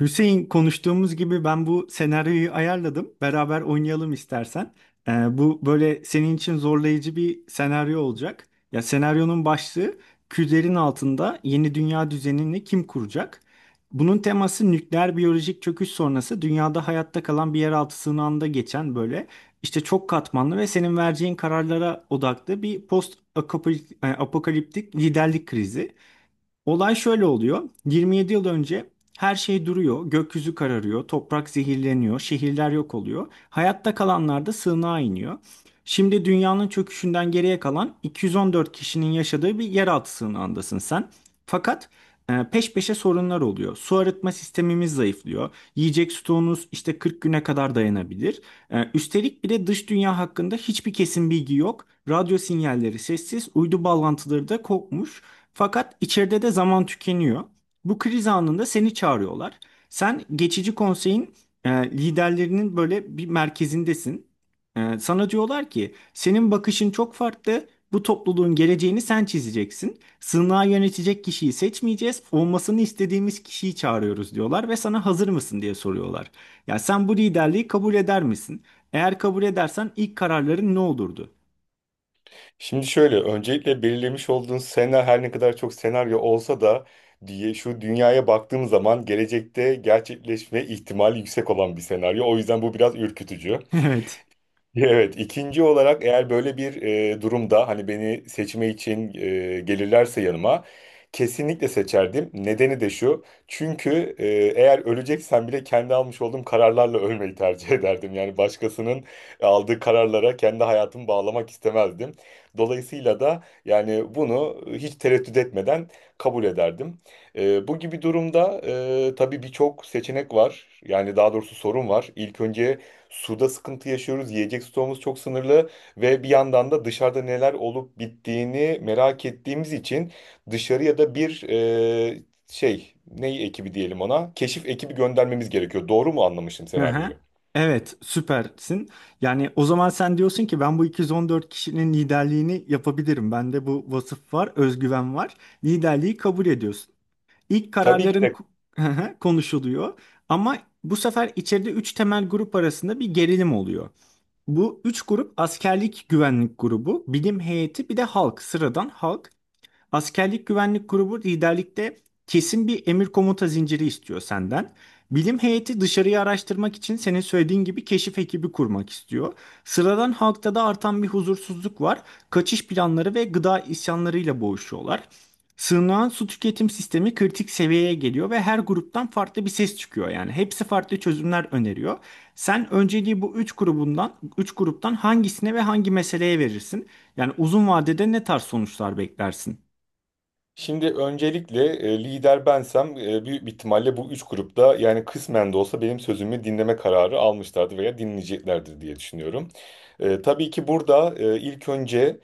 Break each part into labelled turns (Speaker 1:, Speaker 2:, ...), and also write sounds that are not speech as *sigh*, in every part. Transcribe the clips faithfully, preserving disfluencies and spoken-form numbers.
Speaker 1: Hüseyin, konuştuğumuz gibi ben bu senaryoyu ayarladım. Beraber oynayalım istersen. Ee, bu böyle senin için zorlayıcı bir senaryo olacak. Ya senaryonun başlığı külerin altında yeni dünya düzenini kim kuracak? Bunun teması nükleer biyolojik çöküş sonrası dünyada hayatta kalan bir yeraltı sığınağında geçen böyle işte çok katmanlı ve senin vereceğin kararlara odaklı bir post apokaliptik liderlik krizi. Olay şöyle oluyor. yirmi yedi yıl önce her şey duruyor, gökyüzü kararıyor, toprak zehirleniyor, şehirler yok oluyor. Hayatta kalanlar da sığınağa iniyor. Şimdi dünyanın çöküşünden geriye kalan iki yüz on dört kişinin yaşadığı bir yeraltı sığınağındasın sen. Fakat e, peş peşe sorunlar oluyor. Su arıtma sistemimiz zayıflıyor. Yiyecek stoğunuz işte kırk güne kadar dayanabilir. E, Üstelik bir de dış dünya hakkında hiçbir kesin bilgi yok. Radyo sinyalleri sessiz, uydu bağlantıları da kopmuş. Fakat içeride de zaman tükeniyor. Bu kriz anında seni çağırıyorlar. Sen geçici konseyin e, liderlerinin böyle bir merkezindesin. E, sana diyorlar ki senin bakışın çok farklı. Bu topluluğun geleceğini sen çizeceksin. Sığınağı yönetecek kişiyi seçmeyeceğiz. Olmasını istediğimiz kişiyi çağırıyoruz diyorlar ve sana hazır mısın diye soruyorlar. Ya sen bu liderliği kabul eder misin? Eğer kabul edersen ilk kararların ne olurdu?
Speaker 2: Şimdi şöyle, öncelikle belirlemiş olduğun senaryo her ne kadar çok senaryo olsa da diye şu dünyaya baktığım zaman gelecekte gerçekleşme ihtimali yüksek olan bir senaryo. O yüzden bu biraz ürkütücü.
Speaker 1: *laughs* Evet.
Speaker 2: Evet, ikinci olarak eğer böyle bir e, durumda hani beni seçme için e, gelirlerse yanıma kesinlikle seçerdim. Nedeni de şu. Çünkü e, eğer öleceksen bile kendi almış olduğum kararlarla *laughs* ölmeyi tercih ederdim. Yani başkasının aldığı kararlara kendi hayatımı bağlamak istemezdim. Dolayısıyla da yani bunu hiç tereddüt etmeden kabul ederdim. E, bu gibi durumda e, tabii birçok seçenek var. Yani daha doğrusu sorun var. İlk önce suda sıkıntı yaşıyoruz. Yiyecek stoğumuz çok sınırlı ve bir yandan da dışarıda neler olup bittiğini merak ettiğimiz için dışarıya da bir e, şey, ney ekibi diyelim ona, keşif ekibi göndermemiz gerekiyor. Doğru mu anlamışım senaryoyu?
Speaker 1: Aha. Evet, süpersin. Yani o zaman sen diyorsun ki ben bu iki yüz on dört kişinin liderliğini yapabilirim. Bende bu vasıf var, özgüven var. Liderliği kabul ediyorsun. İlk
Speaker 2: Tabii ki
Speaker 1: kararların
Speaker 2: de.
Speaker 1: ku- *laughs* konuşuluyor ama bu sefer içeride üç temel grup arasında bir gerilim oluyor. Bu üç grup askerlik güvenlik grubu, bilim heyeti bir de halk, sıradan halk. Askerlik güvenlik grubu liderlikte kesin bir emir komuta zinciri istiyor senden. Bilim heyeti dışarıyı araştırmak için senin söylediğin gibi keşif ekibi kurmak istiyor. Sıradan halkta da artan bir huzursuzluk var. Kaçış planları ve gıda isyanlarıyla boğuşuyorlar. Sığınağın su tüketim sistemi kritik seviyeye geliyor ve her gruptan farklı bir ses çıkıyor. Yani hepsi farklı çözümler öneriyor. Sen önceliği bu üç grubundan, üç gruptan hangisine ve hangi meseleye verirsin? Yani uzun vadede ne tarz sonuçlar beklersin?
Speaker 2: Şimdi öncelikle e, lider bensem e, büyük bir ihtimalle bu üç grupta yani kısmen de olsa benim sözümü dinleme kararı almışlardı veya dinleyeceklerdir diye düşünüyorum. E, tabii ki burada e, ilk önce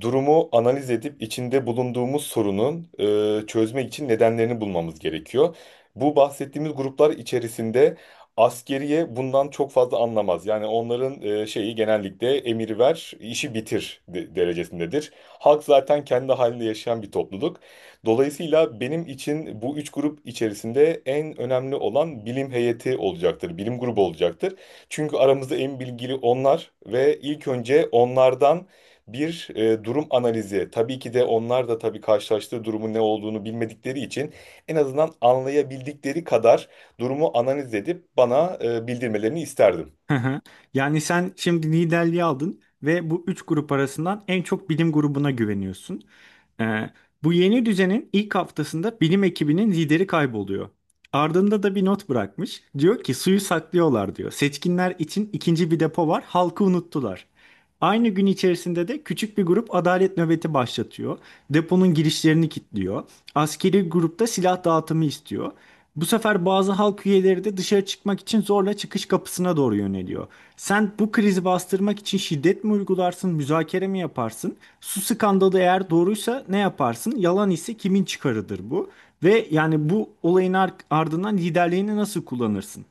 Speaker 2: durumu analiz edip içinde bulunduğumuz sorunun e, çözmek için nedenlerini bulmamız gerekiyor. Bu bahsettiğimiz gruplar içerisinde askeriye bundan çok fazla anlamaz. Yani onların e, şeyi genellikle emir ver, işi bitir de- derecesindedir. Halk zaten kendi halinde yaşayan bir topluluk. Dolayısıyla benim için bu üç grup içerisinde en önemli olan bilim heyeti olacaktır, bilim grubu olacaktır. Çünkü aramızda en bilgili onlar ve ilk önce onlardan bir e, durum analizi. Tabii ki de onlar da tabii karşılaştığı durumun ne olduğunu bilmedikleri için en azından anlayabildikleri kadar durumu analiz edip bana e, bildirmelerini isterdim.
Speaker 1: Hı hı. Yani sen şimdi liderliği aldın ve bu üç grup arasından en çok bilim grubuna güveniyorsun. Ee, bu yeni düzenin ilk haftasında bilim ekibinin lideri kayboluyor. Ardında da bir not bırakmış. Diyor ki suyu saklıyorlar diyor. Seçkinler için ikinci bir depo var. Halkı unuttular. Aynı gün içerisinde de küçük bir grup adalet nöbeti başlatıyor. Deponun girişlerini kilitliyor. Askeri grupta silah dağıtımı istiyor. Bu sefer bazı halk üyeleri de dışarı çıkmak için zorla çıkış kapısına doğru yöneliyor. Sen bu krizi bastırmak için şiddet mi uygularsın, müzakere mi yaparsın? Su skandalı eğer doğruysa ne yaparsın? Yalan ise kimin çıkarıdır bu? Ve yani bu olayın ar- ardından liderliğini nasıl kullanırsın?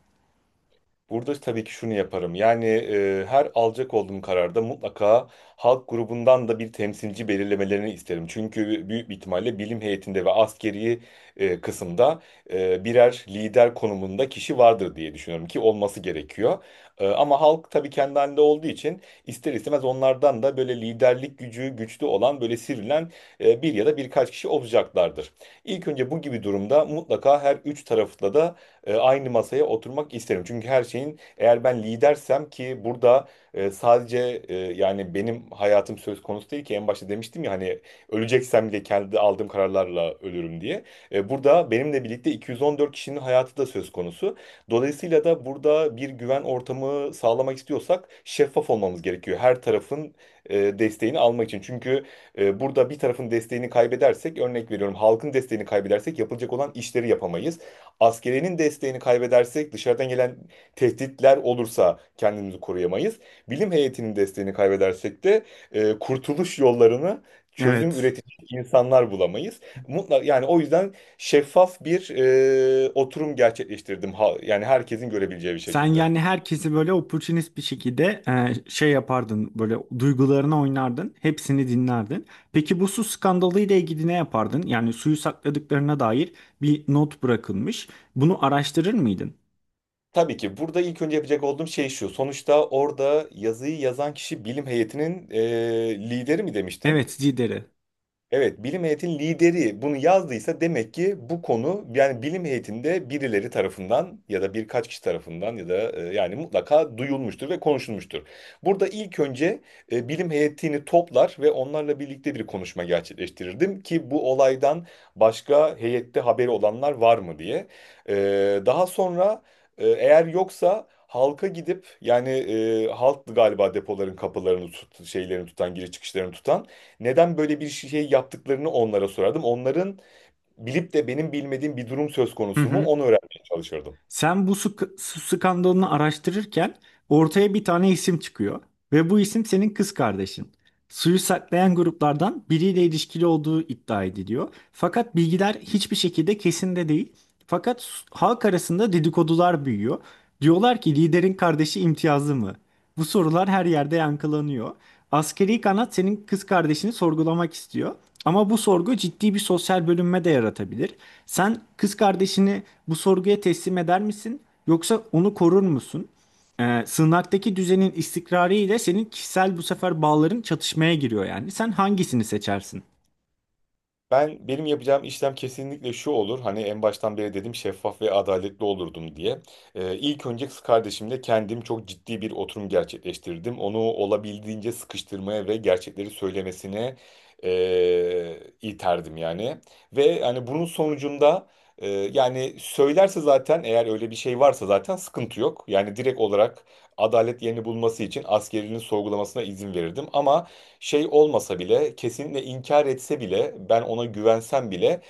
Speaker 2: Burada tabii ki şunu yaparım. Yani e, her alacak olduğum kararda mutlaka halk grubundan da bir temsilci belirlemelerini isterim. Çünkü büyük bir ihtimalle bilim heyetinde ve askeri e, kısımda e, birer lider konumunda kişi vardır diye düşünüyorum ki olması gerekiyor. E, ama halk tabii kendi halinde olduğu için ister istemez onlardan da böyle liderlik gücü güçlü olan böyle sivrilen e, bir ya da birkaç kişi olacaklardır. İlk önce bu gibi durumda mutlaka her üç tarafta da e, aynı masaya oturmak isterim. Çünkü her şeyin eğer ben lidersem ki burada e, sadece e, yani benim hayatım söz konusu değil ki en başta demiştim ya hani öleceksem bile kendi aldığım kararlarla ölürüm diye. E, burada benimle birlikte iki yüz on dört kişinin hayatı da söz konusu. Dolayısıyla da burada bir güven ortamı sağlamak istiyorsak şeffaf olmamız gerekiyor. Her tarafın e, desteğini almak için. Çünkü e, burada bir tarafın desteğini kaybedersek, örnek veriyorum, halkın desteğini kaybedersek yapılacak olan işleri yapamayız. Askerinin desteğini kaybedersek dışarıdan gelen tehditler olursa kendimizi koruyamayız. Bilim heyetinin desteğini kaybedersek de e, kurtuluş yollarını çözüm
Speaker 1: Evet.
Speaker 2: üretecek insanlar bulamayız. Mutlak yani, o yüzden şeffaf bir e, oturum gerçekleştirdim. Ha- yani herkesin görebileceği bir
Speaker 1: Sen
Speaker 2: şekilde.
Speaker 1: yani herkesi böyle opportunist bir şekilde e, şey yapardın, böyle duygularına oynardın, hepsini dinlerdin. Peki bu su skandalı ile ilgili ne yapardın? Yani suyu sakladıklarına dair bir not bırakılmış. Bunu araştırır mıydın?
Speaker 2: Tabii ki burada ilk önce yapacak olduğum şey şu. Sonuçta orada yazıyı yazan kişi bilim heyetinin e, lideri mi demiştin?
Speaker 1: Evet, Zider'i.
Speaker 2: Evet, bilim heyetinin lideri bunu yazdıysa demek ki bu konu yani bilim heyetinde birileri tarafından ya da birkaç kişi tarafından ya da e, yani mutlaka duyulmuştur ve konuşulmuştur. Burada ilk önce e, bilim heyetini toplar ve onlarla birlikte bir konuşma gerçekleştirirdim ki bu olaydan başka heyette haberi olanlar var mı diye. E, Daha sonra e, eğer yoksa halka gidip yani, e, halk galiba depoların kapılarını tut, şeylerini tutan, giriş çıkışlarını tutan, neden böyle bir şey yaptıklarını onlara sorardım. Onların bilip de benim bilmediğim bir durum söz
Speaker 1: Hı
Speaker 2: konusu mu
Speaker 1: hı.
Speaker 2: onu öğrenmeye çalışırdım.
Speaker 1: Sen bu su, su skandalını araştırırken ortaya bir tane isim çıkıyor ve bu isim senin kız kardeşin. Suyu saklayan gruplardan biriyle ilişkili olduğu iddia ediliyor. Fakat bilgiler hiçbir şekilde kesin de değil. Fakat s- halk arasında dedikodular büyüyor. Diyorlar ki liderin kardeşi imtiyazlı mı? Bu sorular her yerde yankılanıyor. Askeri kanat senin kız kardeşini sorgulamak istiyor. Ama bu sorgu ciddi bir sosyal bölünme de yaratabilir. Sen kız kardeşini bu sorguya teslim eder misin? Yoksa onu korur musun? Ee, sığınaktaki düzenin istikrarı ile senin kişisel bu sefer bağların çatışmaya giriyor yani. Sen hangisini seçersin?
Speaker 2: Ben benim yapacağım işlem kesinlikle şu olur. Hani en baştan beri dedim şeffaf ve adaletli olurdum diye. Ee, ilk önce kız kardeşimle kendim çok ciddi bir oturum gerçekleştirdim. Onu olabildiğince sıkıştırmaya ve gerçekleri söylemesine eee iterdim yani. Ve hani bunun sonucunda eee, yani söylerse zaten, eğer öyle bir şey varsa zaten sıkıntı yok. Yani direkt olarak adalet yerini bulması için askerinin sorgulamasına izin verirdim. Ama şey olmasa bile, kesinlikle inkar etse bile, ben ona güvensem bile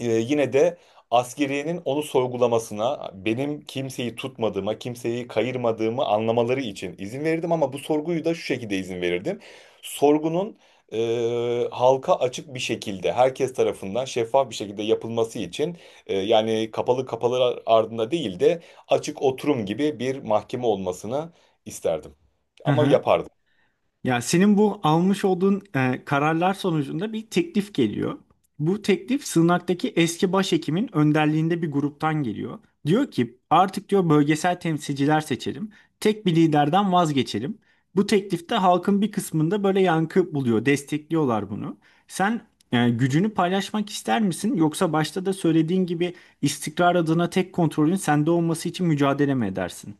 Speaker 2: e, yine de askeriyenin onu sorgulamasına, benim kimseyi tutmadığıma, kimseyi kayırmadığımı anlamaları için izin verirdim, ama bu sorguyu da şu şekilde izin verirdim. Sorgunun e, halka açık bir şekilde, herkes tarafından şeffaf bir şekilde yapılması için, e, yani kapalı kapalı ardında değil de açık oturum gibi bir mahkeme olmasını isterdim. Ama
Speaker 1: *laughs*
Speaker 2: yapardım.
Speaker 1: Ya senin bu almış olduğun e, kararlar sonucunda bir teklif geliyor. Bu teklif Sığınak'taki eski başhekimin önderliğinde bir gruptan geliyor. Diyor ki artık diyor bölgesel temsilciler seçelim. Tek bir liderden vazgeçelim. Bu teklifte halkın bir kısmında böyle yankı buluyor. Destekliyorlar bunu. Sen e, gücünü paylaşmak ister misin? Yoksa başta da söylediğin gibi istikrar adına tek kontrolün sende olması için mücadele mi edersin?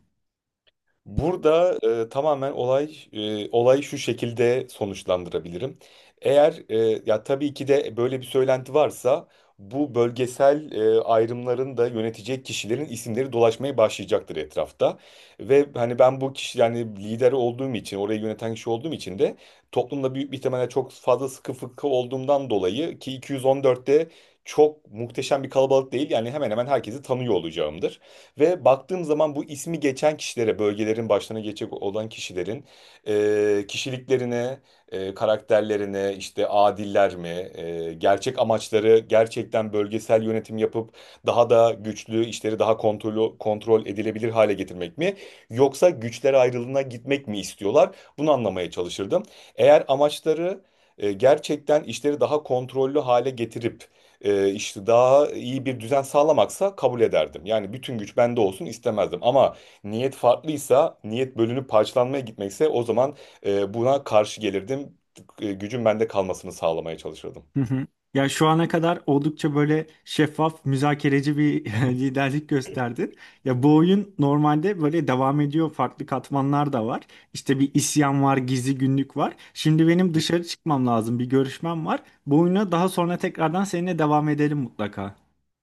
Speaker 2: Burada e, tamamen olay e, olayı şu şekilde sonuçlandırabilirim. Eğer e, ya tabii ki de böyle bir söylenti varsa, bu bölgesel e, ayrımların da yönetecek kişilerin isimleri dolaşmaya başlayacaktır etrafta. Ve hani ben bu kişi, yani lideri olduğum için, orayı yöneten kişi olduğum için de toplumda büyük bir ihtimalle çok fazla sıkı fıkı olduğumdan dolayı ki iki yüz on dörtte çok muhteşem bir kalabalık değil, yani hemen hemen herkesi tanıyor olacağımdır. Ve baktığım zaman bu ismi geçen kişilere, bölgelerin başlarına geçecek olan kişilerin e, kişiliklerine, e, karakterlerine, işte adiller mi, e, gerçek amaçları gerçekten bölgesel yönetim yapıp daha da güçlü, işleri daha kontrol, kontrol edilebilir hale getirmek mi? Yoksa güçler ayrılığına gitmek mi istiyorlar? Bunu anlamaya çalışırdım. Eğer amaçları e, gerçekten işleri daha kontrollü hale getirip e, işte daha iyi bir düzen sağlamaksa kabul ederdim. Yani bütün güç bende olsun istemezdim. Ama niyet farklıysa, niyet bölünüp parçalanmaya gitmekse o zaman e, buna karşı gelirdim. E, Gücün bende kalmasını sağlamaya çalışırdım.
Speaker 1: Hı hı. Ya şu ana kadar oldukça böyle şeffaf, müzakereci bir *laughs* liderlik gösterdin. Ya bu oyun normalde böyle devam ediyor. Farklı katmanlar da var. İşte bir isyan var, gizli günlük var. Şimdi benim dışarı çıkmam lazım. Bir görüşmem var. Bu oyuna daha sonra tekrardan seninle devam edelim mutlaka.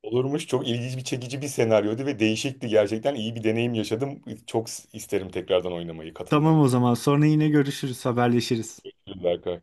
Speaker 2: Olurmuş, çok ilginç bir çekici bir senaryoydu ve değişikti, gerçekten iyi bir deneyim yaşadım. Çok isterim tekrardan oynamayı,
Speaker 1: Tamam,
Speaker 2: katılmayı.
Speaker 1: o zaman. Sonra yine görüşürüz, haberleşiriz.
Speaker 2: Berkay.